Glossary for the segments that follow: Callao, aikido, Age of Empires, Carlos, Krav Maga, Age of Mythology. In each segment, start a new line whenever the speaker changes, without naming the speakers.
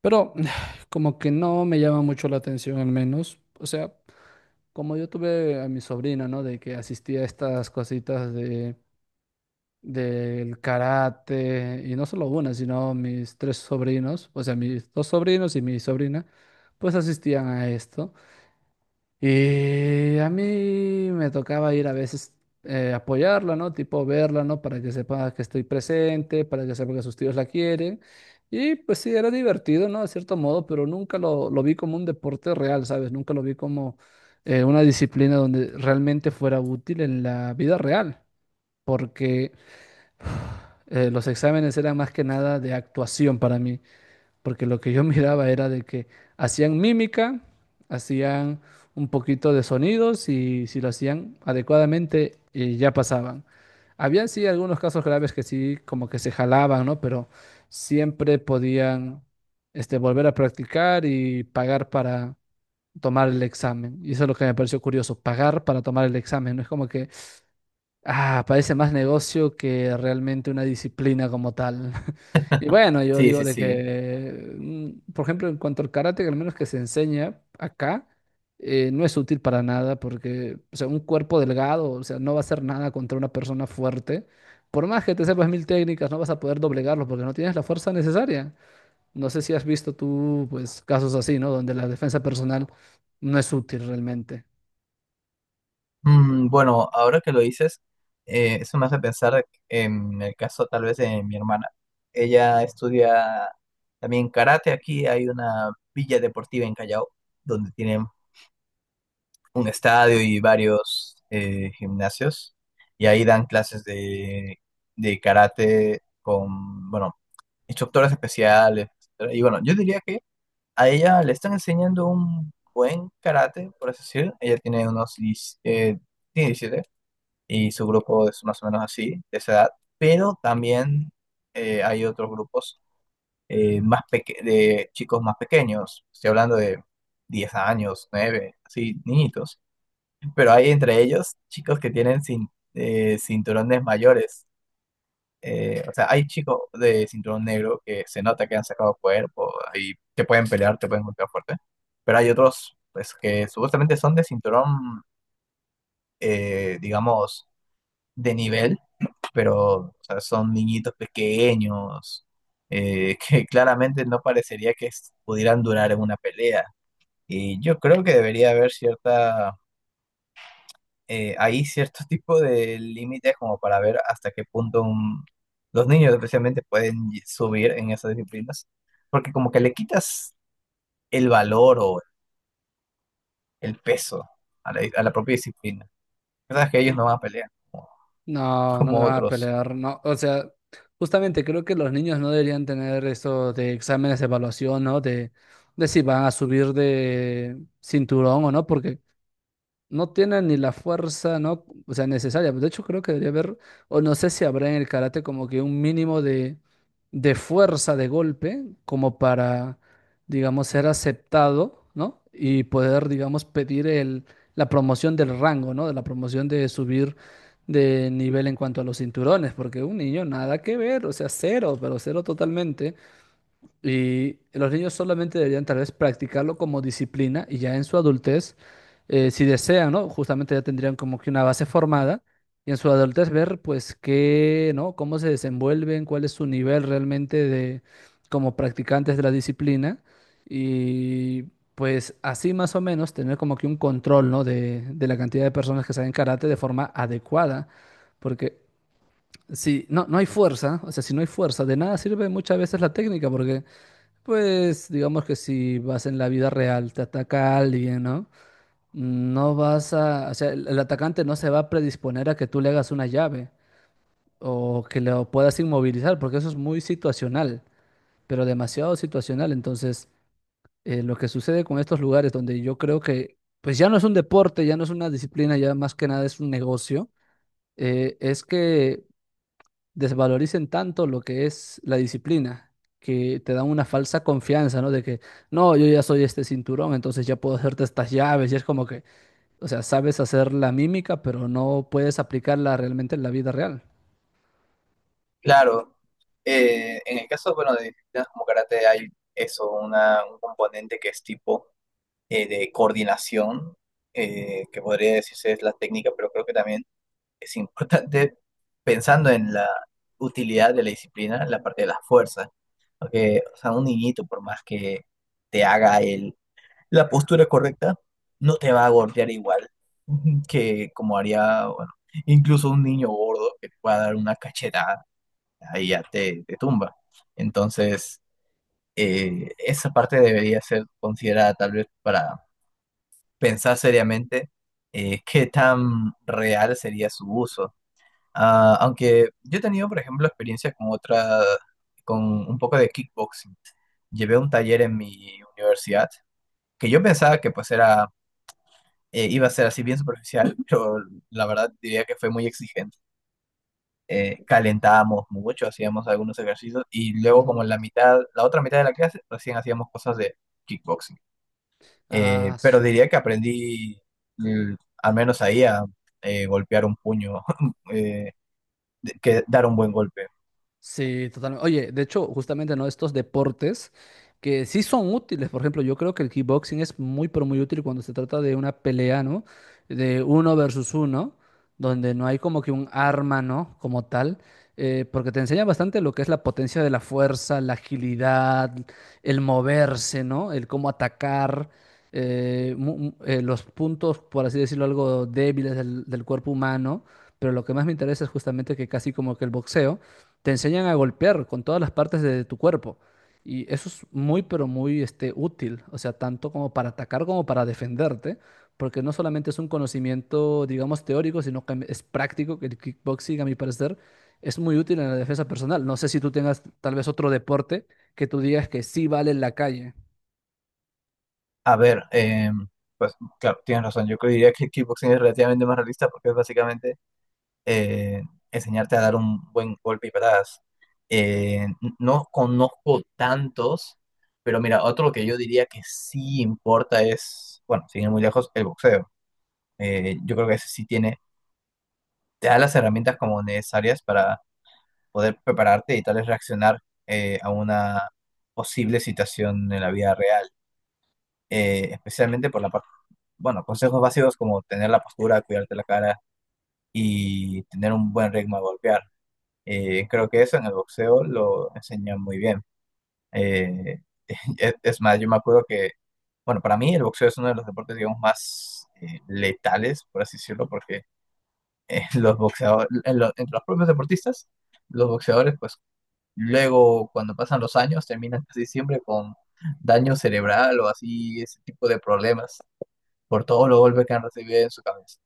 Pero como que no me llama mucho la atención al menos. O sea, como yo tuve a mi sobrina, ¿no? De que asistía a estas cositas de, del karate, y no solo una, sino mis tres sobrinos, o sea, mis dos sobrinos y mi sobrina, pues asistían a esto. Y a mí me tocaba ir a veces apoyarla, ¿no? Tipo verla, ¿no? Para que sepa que estoy presente, para que sepa que sus tíos la quieren. Y pues sí, era divertido, ¿no? De cierto modo, pero nunca lo vi como un deporte real, ¿sabes? Nunca lo vi como una disciplina donde realmente fuera útil en la vida real, porque los exámenes eran más que nada de actuación para mí porque lo que yo miraba era de que hacían mímica, hacían un poquito de sonidos y si lo hacían adecuadamente ya pasaban. Habían sí algunos casos graves que sí como que se jalaban, ¿no? Pero siempre podían este, volver a practicar y pagar para tomar el examen. Y eso es lo que me pareció curioso, pagar para tomar el examen. No es como que ah, parece más negocio que realmente una disciplina como tal. Y bueno, yo
Sí,
digo
sí,
de
sí.
que, por ejemplo, en cuanto al karate, al menos que se enseña acá, no es útil para nada porque, o sea, un cuerpo delgado, o sea, no va a hacer nada contra una persona fuerte. Por más que te sepas mil técnicas, no vas a poder doblegarlo porque no tienes la fuerza necesaria. No sé si has visto tú, pues, casos así, ¿no? Donde la defensa personal no es útil realmente.
Bueno, ahora que lo dices, eso me hace pensar en el caso tal vez de mi hermana. Ella estudia también karate. Aquí hay una villa deportiva en Callao, donde tienen un estadio y varios gimnasios. Y ahí dan clases de karate con, bueno, instructores especiales, etcétera. Y bueno, yo diría que a ella le están enseñando un buen karate, por así decir. Ella tiene unos 10, tiene 17 y su grupo es más o menos así, de esa edad. Pero también hay otros grupos más de chicos más pequeños. Estoy hablando de 10 años, 9, así, niñitos. Pero hay entre ellos chicos que tienen cinturones mayores, o sea, hay chicos de cinturón negro que se nota que han sacado cuerpo y te pueden pelear, te pueden golpear fuerte, pero hay otros pues que supuestamente son de cinturón, digamos, de nivel, pero o sea, son niñitos pequeños, que claramente no parecería que pudieran durar en una pelea. Y yo creo que debería haber cierta hay cierto tipo de límites como para ver hasta qué punto los niños especialmente pueden subir en esas disciplinas, porque como que le quitas el valor o el peso a a la propia disciplina. Sabes que ellos no van a pelear como,
No, no me
como
van a
otros.
pelear, no. O sea, justamente creo que los niños no deberían tener eso de exámenes de evaluación, ¿no? De si van a subir de cinturón o no, porque no tienen ni la fuerza, ¿no? O sea, necesaria. De hecho, creo que debería haber, o no sé si habrá en el karate como que un mínimo de fuerza de golpe, como para, digamos, ser aceptado, ¿no? Y poder, digamos, pedir el, la promoción del rango, ¿no? De la promoción de subir de nivel en cuanto a los cinturones, porque un niño nada que ver, o sea, cero, pero cero totalmente. Y los niños solamente deberían tal vez practicarlo como disciplina y ya en su adultez, si desean, ¿no? Justamente ya tendrían como que una base formada y en su adultez ver pues qué, ¿no? Cómo se desenvuelven, cuál es su nivel realmente de como practicantes de la disciplina y pues así más o menos tener como que un control, ¿no? De la cantidad de personas que saben karate de forma adecuada, porque si no, no hay fuerza, o sea, si no hay fuerza, de nada sirve muchas veces la técnica porque... Pues digamos que si vas en la vida real, te ataca alguien, ¿no? No vas a, o sea, el atacante no se va a predisponer a que tú le hagas una llave o que lo puedas inmovilizar, porque eso es muy situacional, pero demasiado situacional. Entonces, lo que sucede con estos lugares donde yo creo que, pues ya no es un deporte, ya no es una disciplina, ya más que nada es un negocio, es que desvaloricen tanto lo que es la disciplina, que te dan una falsa confianza, ¿no? De que, no, yo ya soy este cinturón, entonces ya puedo hacerte estas llaves, y es como que, o sea, sabes hacer la mímica, pero no puedes aplicarla realmente en la vida real.
Claro, en el caso, bueno, de disciplinas como karate hay eso, un componente que es tipo, de coordinación, que podría decirse es la técnica, pero creo que también es importante, pensando en la utilidad de la disciplina, la parte de la fuerza. Porque, o sea, un niñito, por más que te haga la postura correcta, no te va a golpear igual que como haría, bueno, incluso un niño gordo que te pueda dar una cachetada, ahí ya te tumba. Entonces, esa parte debería ser considerada tal vez para pensar seriamente qué tan real sería su uso. Ah, aunque yo he tenido, por ejemplo, experiencias con otra, con un poco de kickboxing. Llevé un taller en mi universidad que yo pensaba que pues era, iba a ser así bien superficial, pero la verdad diría que fue muy exigente. Calentábamos mucho, hacíamos algunos ejercicios y luego
Mm.
como en la mitad, la otra mitad de la clase, recién hacíamos cosas de kickboxing.
Ah,
Pero
su-
diría que aprendí, mm, al menos ahí, a golpear un puño, eh, que dar un buen golpe.
Sí, totalmente. Oye, de hecho, justamente, ¿no? Estos deportes que sí son útiles. Por ejemplo, yo creo que el kickboxing es muy, pero muy útil cuando se trata de una pelea, ¿no? De uno versus uno, donde no hay como que un arma, ¿no? Como tal, porque te enseña bastante lo que es la potencia de la fuerza, la agilidad, el moverse, ¿no? El cómo atacar, los puntos, por así decirlo, algo débiles del cuerpo humano. Pero lo que más me interesa es justamente que casi como que el boxeo te enseñan a golpear con todas las partes de tu cuerpo. Y eso es muy, pero muy este, útil, o sea, tanto como para atacar como para defenderte, porque no solamente es un conocimiento, digamos, teórico, sino que es práctico, que el kickboxing, a mi parecer, es muy útil en la defensa personal. No sé si tú tengas tal vez otro deporte que tú digas que sí vale en la calle.
A ver, pues claro, tienes razón. Yo diría que kickboxing es relativamente más realista porque es básicamente eh, enseñarte a dar un buen golpe y patadas. No conozco tantos, pero mira, otro que yo diría que sí importa es, bueno, sin ir muy lejos, el boxeo. Yo creo que ese sí tiene, te da las herramientas como necesarias para poder prepararte y tal vez reaccionar, a una posible situación en la vida real, especialmente por la parte, bueno, consejos básicos como tener la postura, cuidarte la cara y tener un buen ritmo de golpear. Creo que eso en el boxeo lo enseñan muy bien. Eh, es más, yo me acuerdo que, bueno, para mí el boxeo es uno de los deportes, digamos, más letales, por así decirlo, porque los boxeadores, en entre los propios deportistas, los boxeadores, pues luego cuando pasan los años terminan casi siempre con daño cerebral o así, ese tipo de problemas por todos los golpes que han recibido en su cabeza.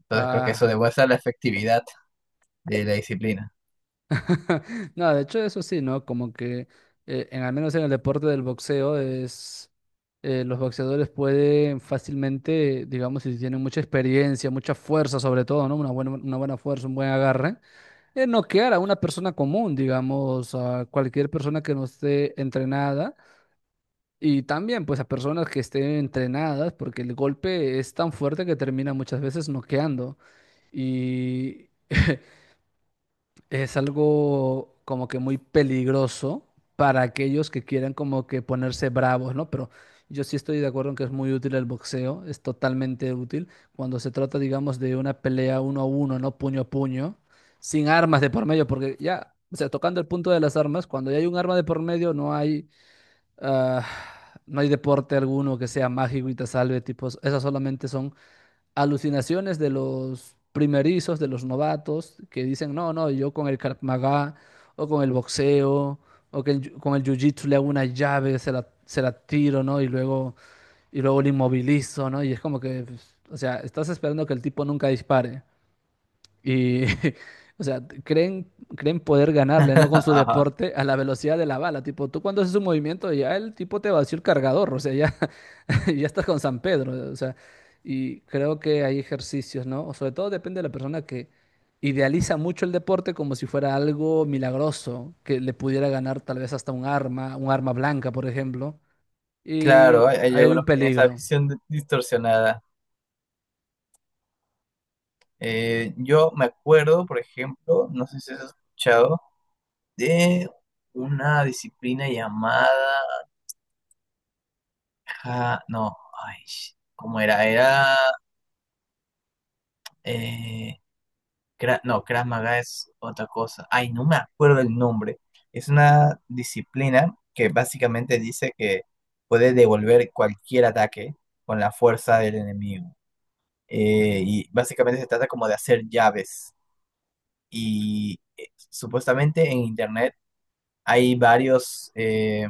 Entonces creo que eso
Ah.
demuestra la efectividad de la disciplina.
No, de hecho eso sí, ¿no? Como que en al menos en el deporte del boxeo es los boxeadores pueden fácilmente, digamos, si tienen mucha experiencia, mucha fuerza sobre todo, ¿no? Una buena fuerza, un buen agarre, noquear a una persona común, digamos, a cualquier persona que no esté entrenada y también pues a personas que estén entrenadas porque el golpe es tan fuerte que termina muchas veces noqueando. Y es algo como que muy peligroso para aquellos que quieran como que ponerse bravos, ¿no? Pero yo sí estoy de acuerdo en que es muy útil el boxeo, es totalmente útil cuando se trata, digamos, de una pelea uno a uno, ¿no? Puño a puño, sin armas de por medio, porque ya, o sea, tocando el punto de las armas, cuando ya hay un arma de por medio, no hay, ah, no hay deporte alguno que sea mágico y te salve, tipos, esas solamente son alucinaciones de los primerizos, de los novatos, que dicen, no, no, yo con el Krav Maga, o con el boxeo, o que con el jiu-jitsu le hago una llave, se la tiro, ¿no? Y luego le inmovilizo, ¿no? Y es como que, pues, o sea, estás esperando que el tipo nunca dispare. Y, o sea, creen poder ganarle, ¿no? Con su
Ajá.
deporte a la velocidad de la bala. Tipo, tú cuando haces un movimiento, ya el tipo te vació el cargador, o sea, ya, ya estás con San Pedro, o sea, y creo que hay ejercicios, ¿no? O sobre todo depende de la persona que idealiza mucho el deporte como si fuera algo milagroso, que le pudiera ganar tal vez hasta un arma blanca, por ejemplo, y
Claro, hay
ahí hay
algunos
un
que tienen esa
peligro.
visión distorsionada. Yo me acuerdo, por ejemplo, no sé si has escuchado, de una disciplina llamada... ah, no, ay, sh- ¿cómo era? Era... eh, no, Krav Maga es otra cosa. Ay, no me acuerdo el nombre. Es una disciplina que básicamente dice que puede devolver cualquier ataque con la fuerza del enemigo. Y básicamente se trata como de hacer llaves. Y supuestamente en internet hay varios,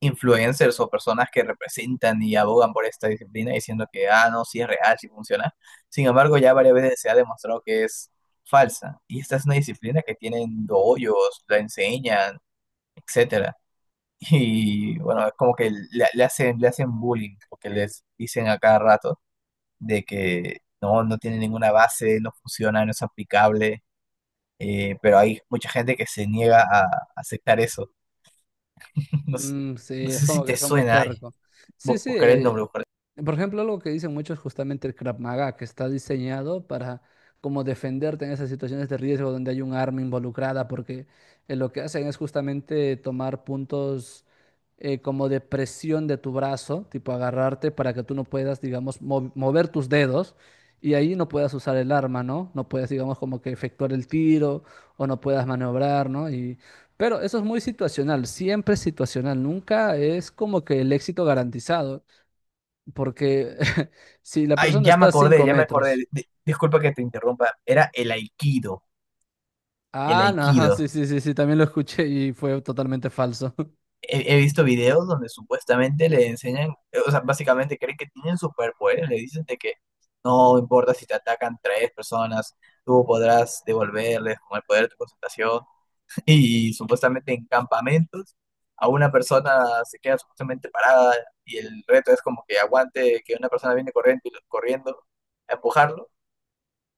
influencers o personas que representan y abogan por esta disciplina diciendo que, ah, no, sí es real, sí funciona. Sin embargo, ya varias veces se ha demostrado que es falsa. Y esta es una disciplina que tienen doyos, la enseñan, etcétera. Y bueno, es como que le le hacen bullying, porque les dicen a cada rato de que no, no tiene ninguna base, no funciona, no es aplicable. Pero hay mucha gente que se niega a aceptar eso. No sé,
Mm, sí,
no
es
sé si
como que
te
son muy
suena, ay,
tercos. Sí, sí.
buscaré el nombre, buscaré...
Por ejemplo, algo que dicen muchos es justamente el Krav Maga, que está diseñado para como defenderte en esas situaciones de riesgo donde hay un arma involucrada, porque lo que hacen es justamente tomar puntos como de presión de tu brazo, tipo agarrarte para que tú no puedas, digamos, mover tus dedos y ahí no puedas usar el arma, ¿no? No puedas, digamos, como que efectuar el tiro o no puedas maniobrar, ¿no? Y pero eso es muy situacional, siempre es situacional, nunca es como que el éxito garantizado, porque si la
Ay,
persona
ya me
está a
acordé,
5
ya me acordé.
metros,
Disculpa que te interrumpa. Era el aikido, el
ah, no,
aikido.
sí, sí, sí, sí, también lo escuché y fue totalmente falso.
He visto videos donde supuestamente le enseñan, o sea, básicamente creen que tienen superpoderes. Le dicen de que no importa si te atacan 3 personas, tú podrás devolverles con el poder de tu concentración. Y supuestamente en campamentos a una persona se queda supuestamente parada y el reto es como que aguante que una persona viene corriendo, corriendo a empujarlo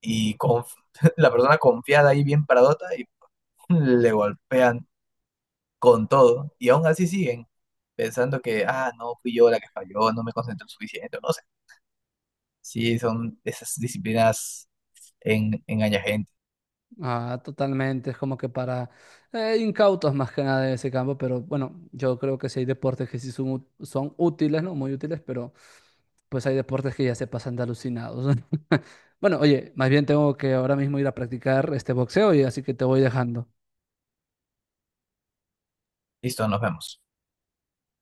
y la persona confiada ahí bien paradota y le golpean con todo y aún así siguen pensando que, ah, no, fui yo la que falló, no me concentré suficiente, no sé. Sí, son esas disciplinas en, engaña gente.
Ah, totalmente, es como que para incautos más que nada de ese campo, pero bueno, yo creo que sí hay deportes que sí son, son útiles, ¿no? Muy útiles, pero pues hay deportes que ya se pasan de alucinados. Bueno, oye, más bien tengo que ahora mismo ir a practicar este boxeo y así que te voy dejando.
Listo, nos vemos.